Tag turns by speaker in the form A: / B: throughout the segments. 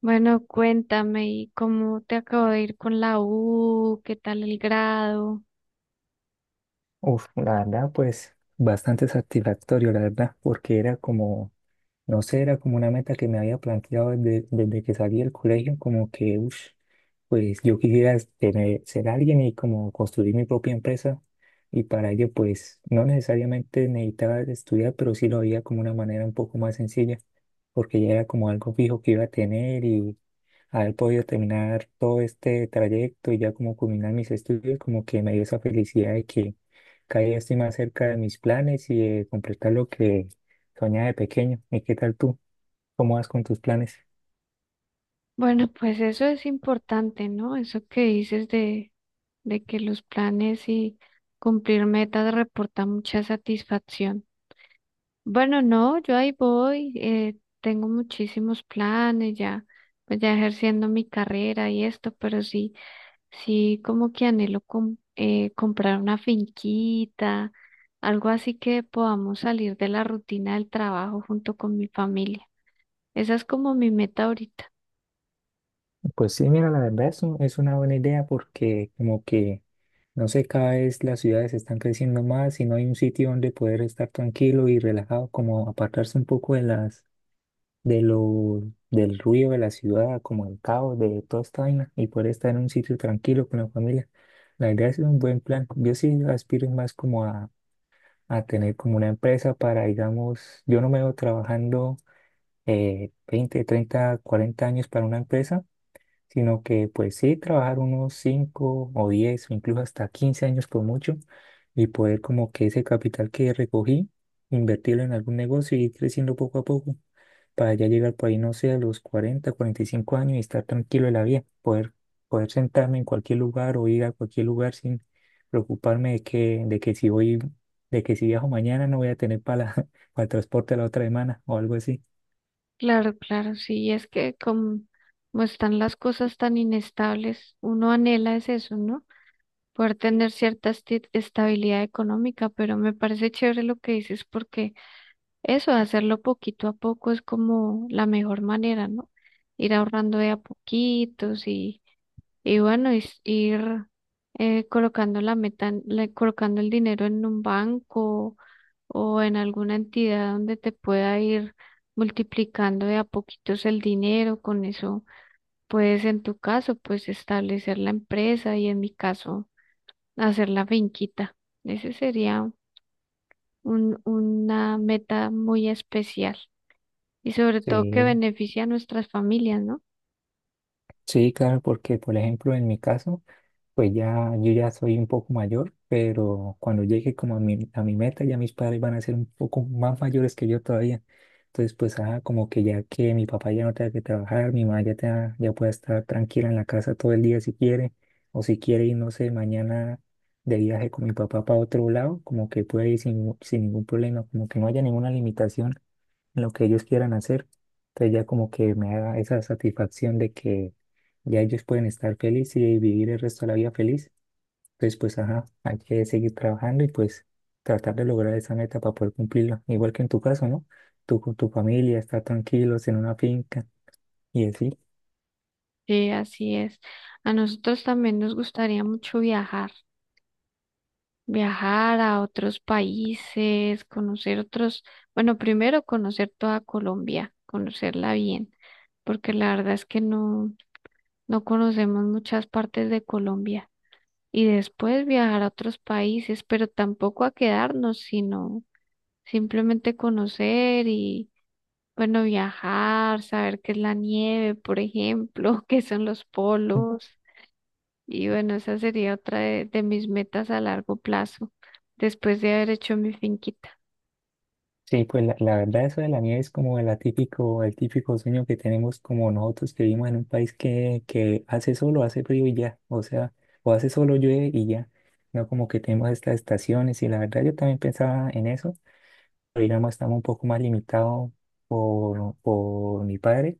A: Bueno, cuéntame, ¿y cómo te acabo de ir con la U? ¿Qué tal el grado?
B: Uf, la verdad, pues bastante satisfactorio, la verdad, porque era como, no sé, era como una meta que me había planteado desde que salí del colegio, como que, uff, pues yo quisiera ser alguien y como construir mi propia empresa. Y para ello, pues no necesariamente necesitaba estudiar, pero sí lo veía como una manera un poco más sencilla, porque ya era como algo fijo que iba a tener haber podido terminar todo este trayecto y ya como culminar mis estudios, como que me dio esa felicidad de que cada día estoy más cerca de mis planes y de completar lo que soñaba de pequeño. ¿Y qué tal tú? ¿Cómo vas con tus planes?
A: Bueno, pues eso es importante, ¿no? Eso que dices de que los planes y cumplir metas reporta mucha satisfacción. Bueno, no, yo ahí voy, tengo muchísimos planes ya, pues ya ejerciendo mi carrera y esto, pero sí. Sí, como que anhelo comprar una finquita, algo así que podamos salir de la rutina del trabajo junto con mi familia. Esa es como mi meta ahorita.
B: Pues sí, mira, la verdad es, es una buena idea porque como que, no sé, cada vez las ciudades están creciendo más y no hay un sitio donde poder estar tranquilo y relajado, como apartarse un poco de las de lo, del ruido de la ciudad, como el caos de toda esta vaina, y poder estar en un sitio tranquilo con la familia. La verdad es un buen plan. Yo sí aspiro más como a tener como una empresa para, digamos, yo no me veo trabajando 20 30 40 años para una empresa sino que pues sí, trabajar unos 5 o 10 o incluso hasta 15 años por mucho y poder como que ese capital que recogí, invertirlo en algún negocio y ir creciendo poco a poco para ya llegar por ahí, no sé, a los 40 45 años y estar tranquilo en la vida, poder sentarme en cualquier lugar o ir a cualquier lugar sin preocuparme de que si viajo mañana no voy a tener para, para el transporte la otra semana o algo así.
A: Claro, claro, sí, es que como están las cosas tan inestables, uno anhela es eso, ¿no? Poder tener cierta estabilidad económica, pero me parece chévere lo que dices porque eso, hacerlo poquito a poco es como la mejor manera, ¿no? Ir ahorrando de a poquitos, y bueno, ir colocando la meta, colocando el dinero en un banco o en alguna entidad donde te pueda ir multiplicando de a poquitos el dinero. Con eso puedes, en tu caso, pues establecer la empresa y en mi caso, hacer la finquita. Ese sería una meta muy especial y sobre todo que
B: Sí,
A: beneficia a nuestras familias, ¿no?
B: sí, claro, porque por ejemplo en mi caso, pues ya, yo ya soy un poco mayor, pero cuando llegue como a mi meta, ya mis padres van a ser un poco más mayores que yo todavía. Entonces, pues, ah, como que ya que mi papá ya no tenga que trabajar, mi mamá ya, ya pueda estar tranquila en la casa todo el día si quiere, o si quiere ir, no sé, mañana de viaje con mi papá para otro lado, como que puede ir sin ningún problema, como que no haya ninguna limitación en lo que ellos quieran hacer. Entonces ya como que me da esa satisfacción de que ya ellos pueden estar felices y vivir el resto de la vida feliz. Entonces pues ajá, hay que seguir trabajando y pues tratar de lograr esa meta para poder cumplirla. Igual que en tu caso, ¿no? Tú con tu familia, estar tranquilos en una finca y así.
A: Sí, así es. A nosotros también nos gustaría mucho viajar, viajar a otros países, conocer otros, bueno, primero conocer toda Colombia, conocerla bien, porque la verdad es que no conocemos muchas partes de Colombia. Y después viajar a otros países, pero tampoco a quedarnos, sino simplemente conocer. Bueno, viajar, saber qué es la nieve, por ejemplo, qué son los polos. Y bueno, esa sería otra de mis metas a largo plazo, después de haber hecho mi finquita.
B: Sí, pues la verdad eso de la nieve es como el atípico, el típico sueño que tenemos como nosotros que vivimos en un país que hace solo, hace frío y ya, o sea, o hace solo llueve y ya, no como que tenemos estas estaciones y la verdad yo también pensaba en eso, pero digamos estamos un poco más limitados por mi padre,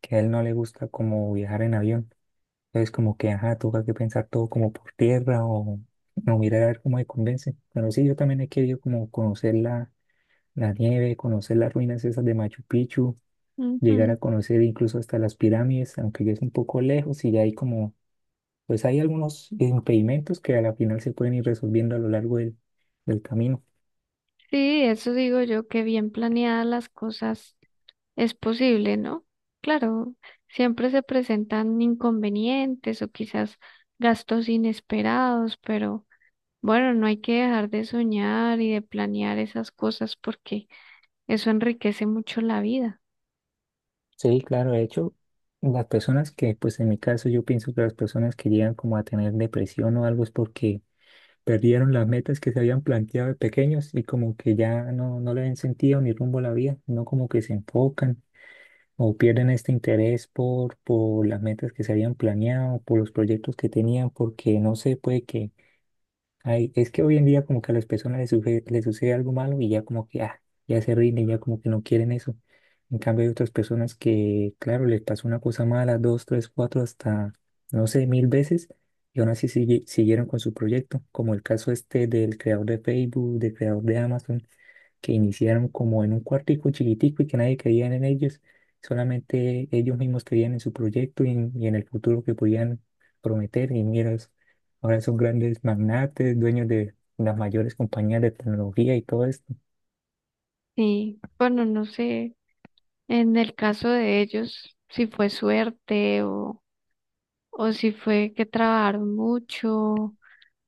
B: que a él no le gusta como viajar en avión, entonces como que, ajá, toca que pensar todo como por tierra o no mirar a ver cómo me convence, pero sí, yo también he querido como conocerla la nieve, conocer las ruinas esas de Machu Picchu, llegar a
A: Ujú.
B: conocer incluso hasta las pirámides, aunque ya es un poco lejos y ya hay como, pues hay algunos impedimentos que a la final se pueden ir resolviendo a lo largo del camino.
A: Sí, eso digo yo, que bien planeadas las cosas es posible, ¿no? Claro, siempre se presentan inconvenientes o quizás gastos inesperados, pero bueno, no hay que dejar de soñar y de planear esas cosas porque eso enriquece mucho la vida.
B: Sí, claro, de hecho, pues en mi caso yo pienso que las personas que llegan como a tener depresión o algo es porque perdieron las metas que se habían planteado de pequeños y como que ya no le ven sentido ni rumbo a la vida, no como que se enfocan o pierden este interés por las metas que se habían planeado, por los proyectos que tenían, porque no sé, puede que, ay, es que hoy en día como que a las personas les sucede algo malo y ya como que ah, ya se rinden, ya como que no quieren eso. En cambio hay otras personas que, claro, les pasó una cosa mala, dos, tres, cuatro, hasta, no sé, 1.000 veces y aún así siguieron con su proyecto, como el caso este del creador de Facebook, del creador de Amazon, que iniciaron como en un cuartico chiquitico y que nadie creía en ellos, solamente ellos mismos creían en su proyecto y en el futuro que podían prometer y mira. Ahora son grandes magnates, dueños de las mayores compañías de tecnología y todo esto.
A: Sí, bueno, no sé, en el caso de ellos, si fue suerte, o si fue que trabajaron mucho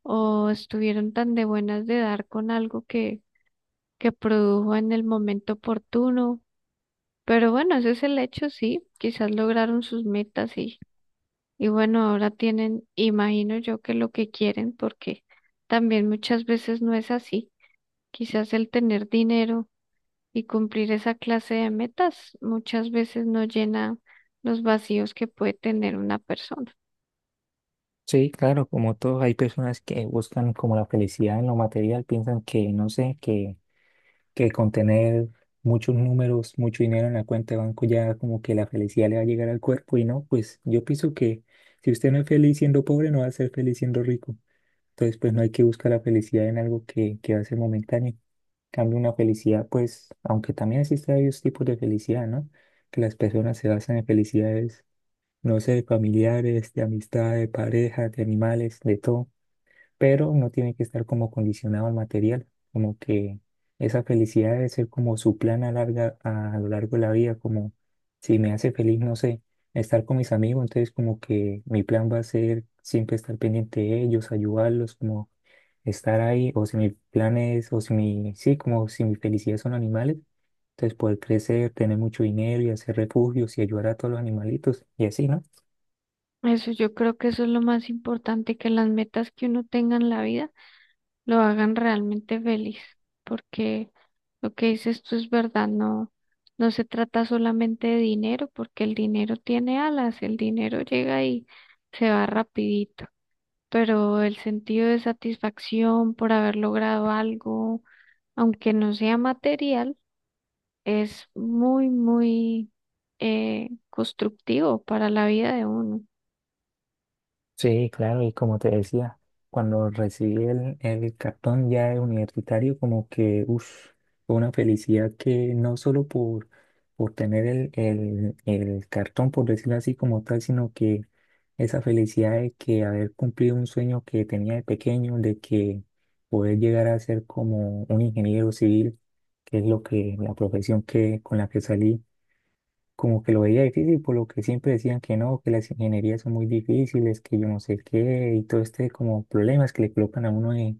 A: o estuvieron tan de buenas de dar con algo que produjo en el momento oportuno. Pero bueno, ese es el hecho, sí, quizás lograron sus metas y bueno, ahora tienen, imagino yo que lo que quieren, porque también muchas veces no es así. Quizás el tener dinero y cumplir esa clase de metas muchas veces no llena los vacíos que puede tener una persona.
B: Sí, claro. Como todos, hay personas que buscan como la felicidad en lo material, piensan que, no sé, que con tener muchos números, mucho dinero en la cuenta de banco ya como que la felicidad le va a llegar al cuerpo y no, pues yo pienso que si usted no es feliz siendo pobre, no va a ser feliz siendo rico. Entonces, pues no hay que buscar la felicidad en algo que va a ser momentáneo. En cambio, una felicidad, pues, aunque también existen varios tipos de felicidad, ¿no? Que las personas se basan en felicidades, no sé, familiares, de amistad, de pareja, de animales, de todo, pero no tiene que estar como condicionado al material, como que esa felicidad debe ser como su plan a larga, a lo largo de la vida, como si me hace feliz, no sé, estar con mis amigos, entonces como que mi plan va a ser siempre estar pendiente de ellos, ayudarlos, como estar ahí, o si mis planes, o si mi, sí, como si mi felicidad son animales, entonces poder crecer, tener mucho dinero y hacer refugios y ayudar a todos los animalitos, y así, ¿no?
A: Eso yo creo que eso es lo más importante, que las metas que uno tenga en la vida lo hagan realmente feliz, porque lo que dices tú es verdad, no se trata solamente de dinero, porque el dinero tiene alas, el dinero llega y se va rapidito, pero el sentido de satisfacción por haber logrado algo, aunque no sea material, es muy constructivo para la vida de uno.
B: Sí, claro, y como te decía, cuando recibí el, cartón ya de universitario, como que, uff, fue una felicidad que no solo por tener el cartón, por decirlo así como tal, sino que esa felicidad de que haber cumplido un sueño que tenía de pequeño, de que poder llegar a ser como un ingeniero civil, que es lo que, la profesión que, con la que salí como que lo veía difícil, por lo que siempre decían que no, que las ingenierías son muy difíciles, que yo no sé qué, y todo este como problemas que le colocan a uno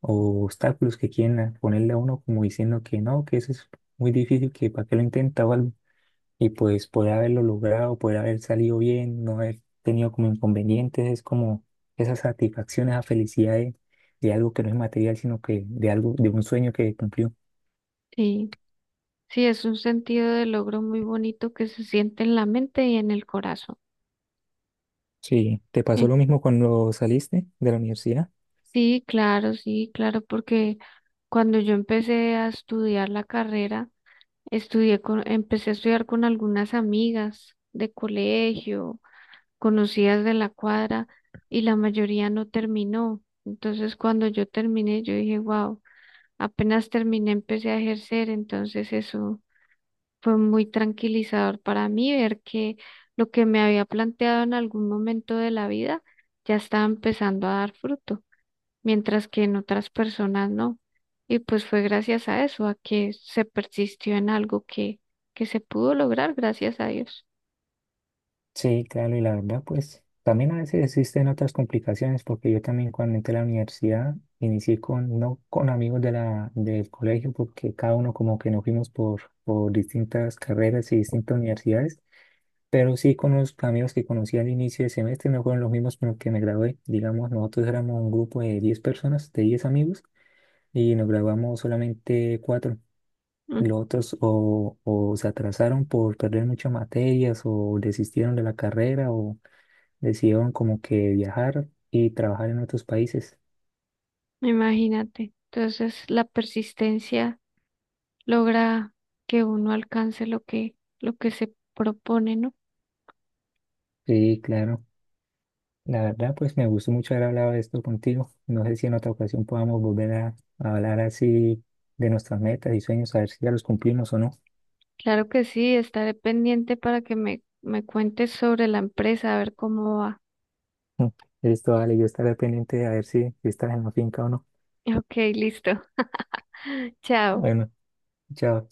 B: o obstáculos que quieren ponerle a uno como diciendo que no, que eso es muy difícil, que para qué lo intenta o algo. Y pues poder haberlo logrado, poder haber salido bien, no haber tenido como inconvenientes, es como esa satisfacción, esa felicidad de algo que no es material, sino que de algo, de un sueño que cumplió.
A: Sí, sí, es un sentido de logro muy bonito que se siente en la mente y en el corazón.
B: Sí, ¿te pasó
A: Eh,
B: lo mismo cuando saliste de la universidad?
A: Sí, claro, sí, claro, porque cuando yo empecé a estudiar la carrera, empecé a estudiar con algunas amigas de colegio, conocidas de la cuadra, y la mayoría no terminó. Entonces, cuando yo terminé, yo dije, wow. Apenas terminé, empecé a ejercer, entonces eso fue muy tranquilizador para mí ver que lo que me había planteado en algún momento de la vida ya estaba empezando a dar fruto, mientras que en otras personas no. Y pues fue gracias a eso, a que se persistió en algo que se pudo lograr, gracias a Dios.
B: Sí, claro, y la verdad, pues también a veces existen otras complicaciones, porque yo también cuando entré a la universidad inicié con, no con amigos del colegio, porque cada uno como que nos fuimos por distintas carreras y distintas universidades, pero sí con los amigos que conocí al inicio de semestre, no fueron los mismos con los que me gradué. Digamos, nosotros éramos un grupo de 10 personas, de 10 amigos, y nos graduamos solamente cuatro.
A: Mm.
B: Los otros o se atrasaron por perder muchas materias o desistieron de la carrera o decidieron como que viajar y trabajar en otros países.
A: Imagínate. Entonces la persistencia logra que uno alcance lo que se propone, ¿no?
B: Sí, claro. La verdad, pues me gustó mucho haber hablado de esto contigo. No sé si en otra ocasión podamos volver a, hablar así de nuestras metas y sueños, a ver si ya los cumplimos o no.
A: Claro que sí, estaré pendiente para que me cuentes sobre la empresa, a ver cómo va.
B: Listo, vale, yo estaré pendiente a ver si, estás en la finca o no.
A: Ok, listo. Chao.
B: Bueno, chao.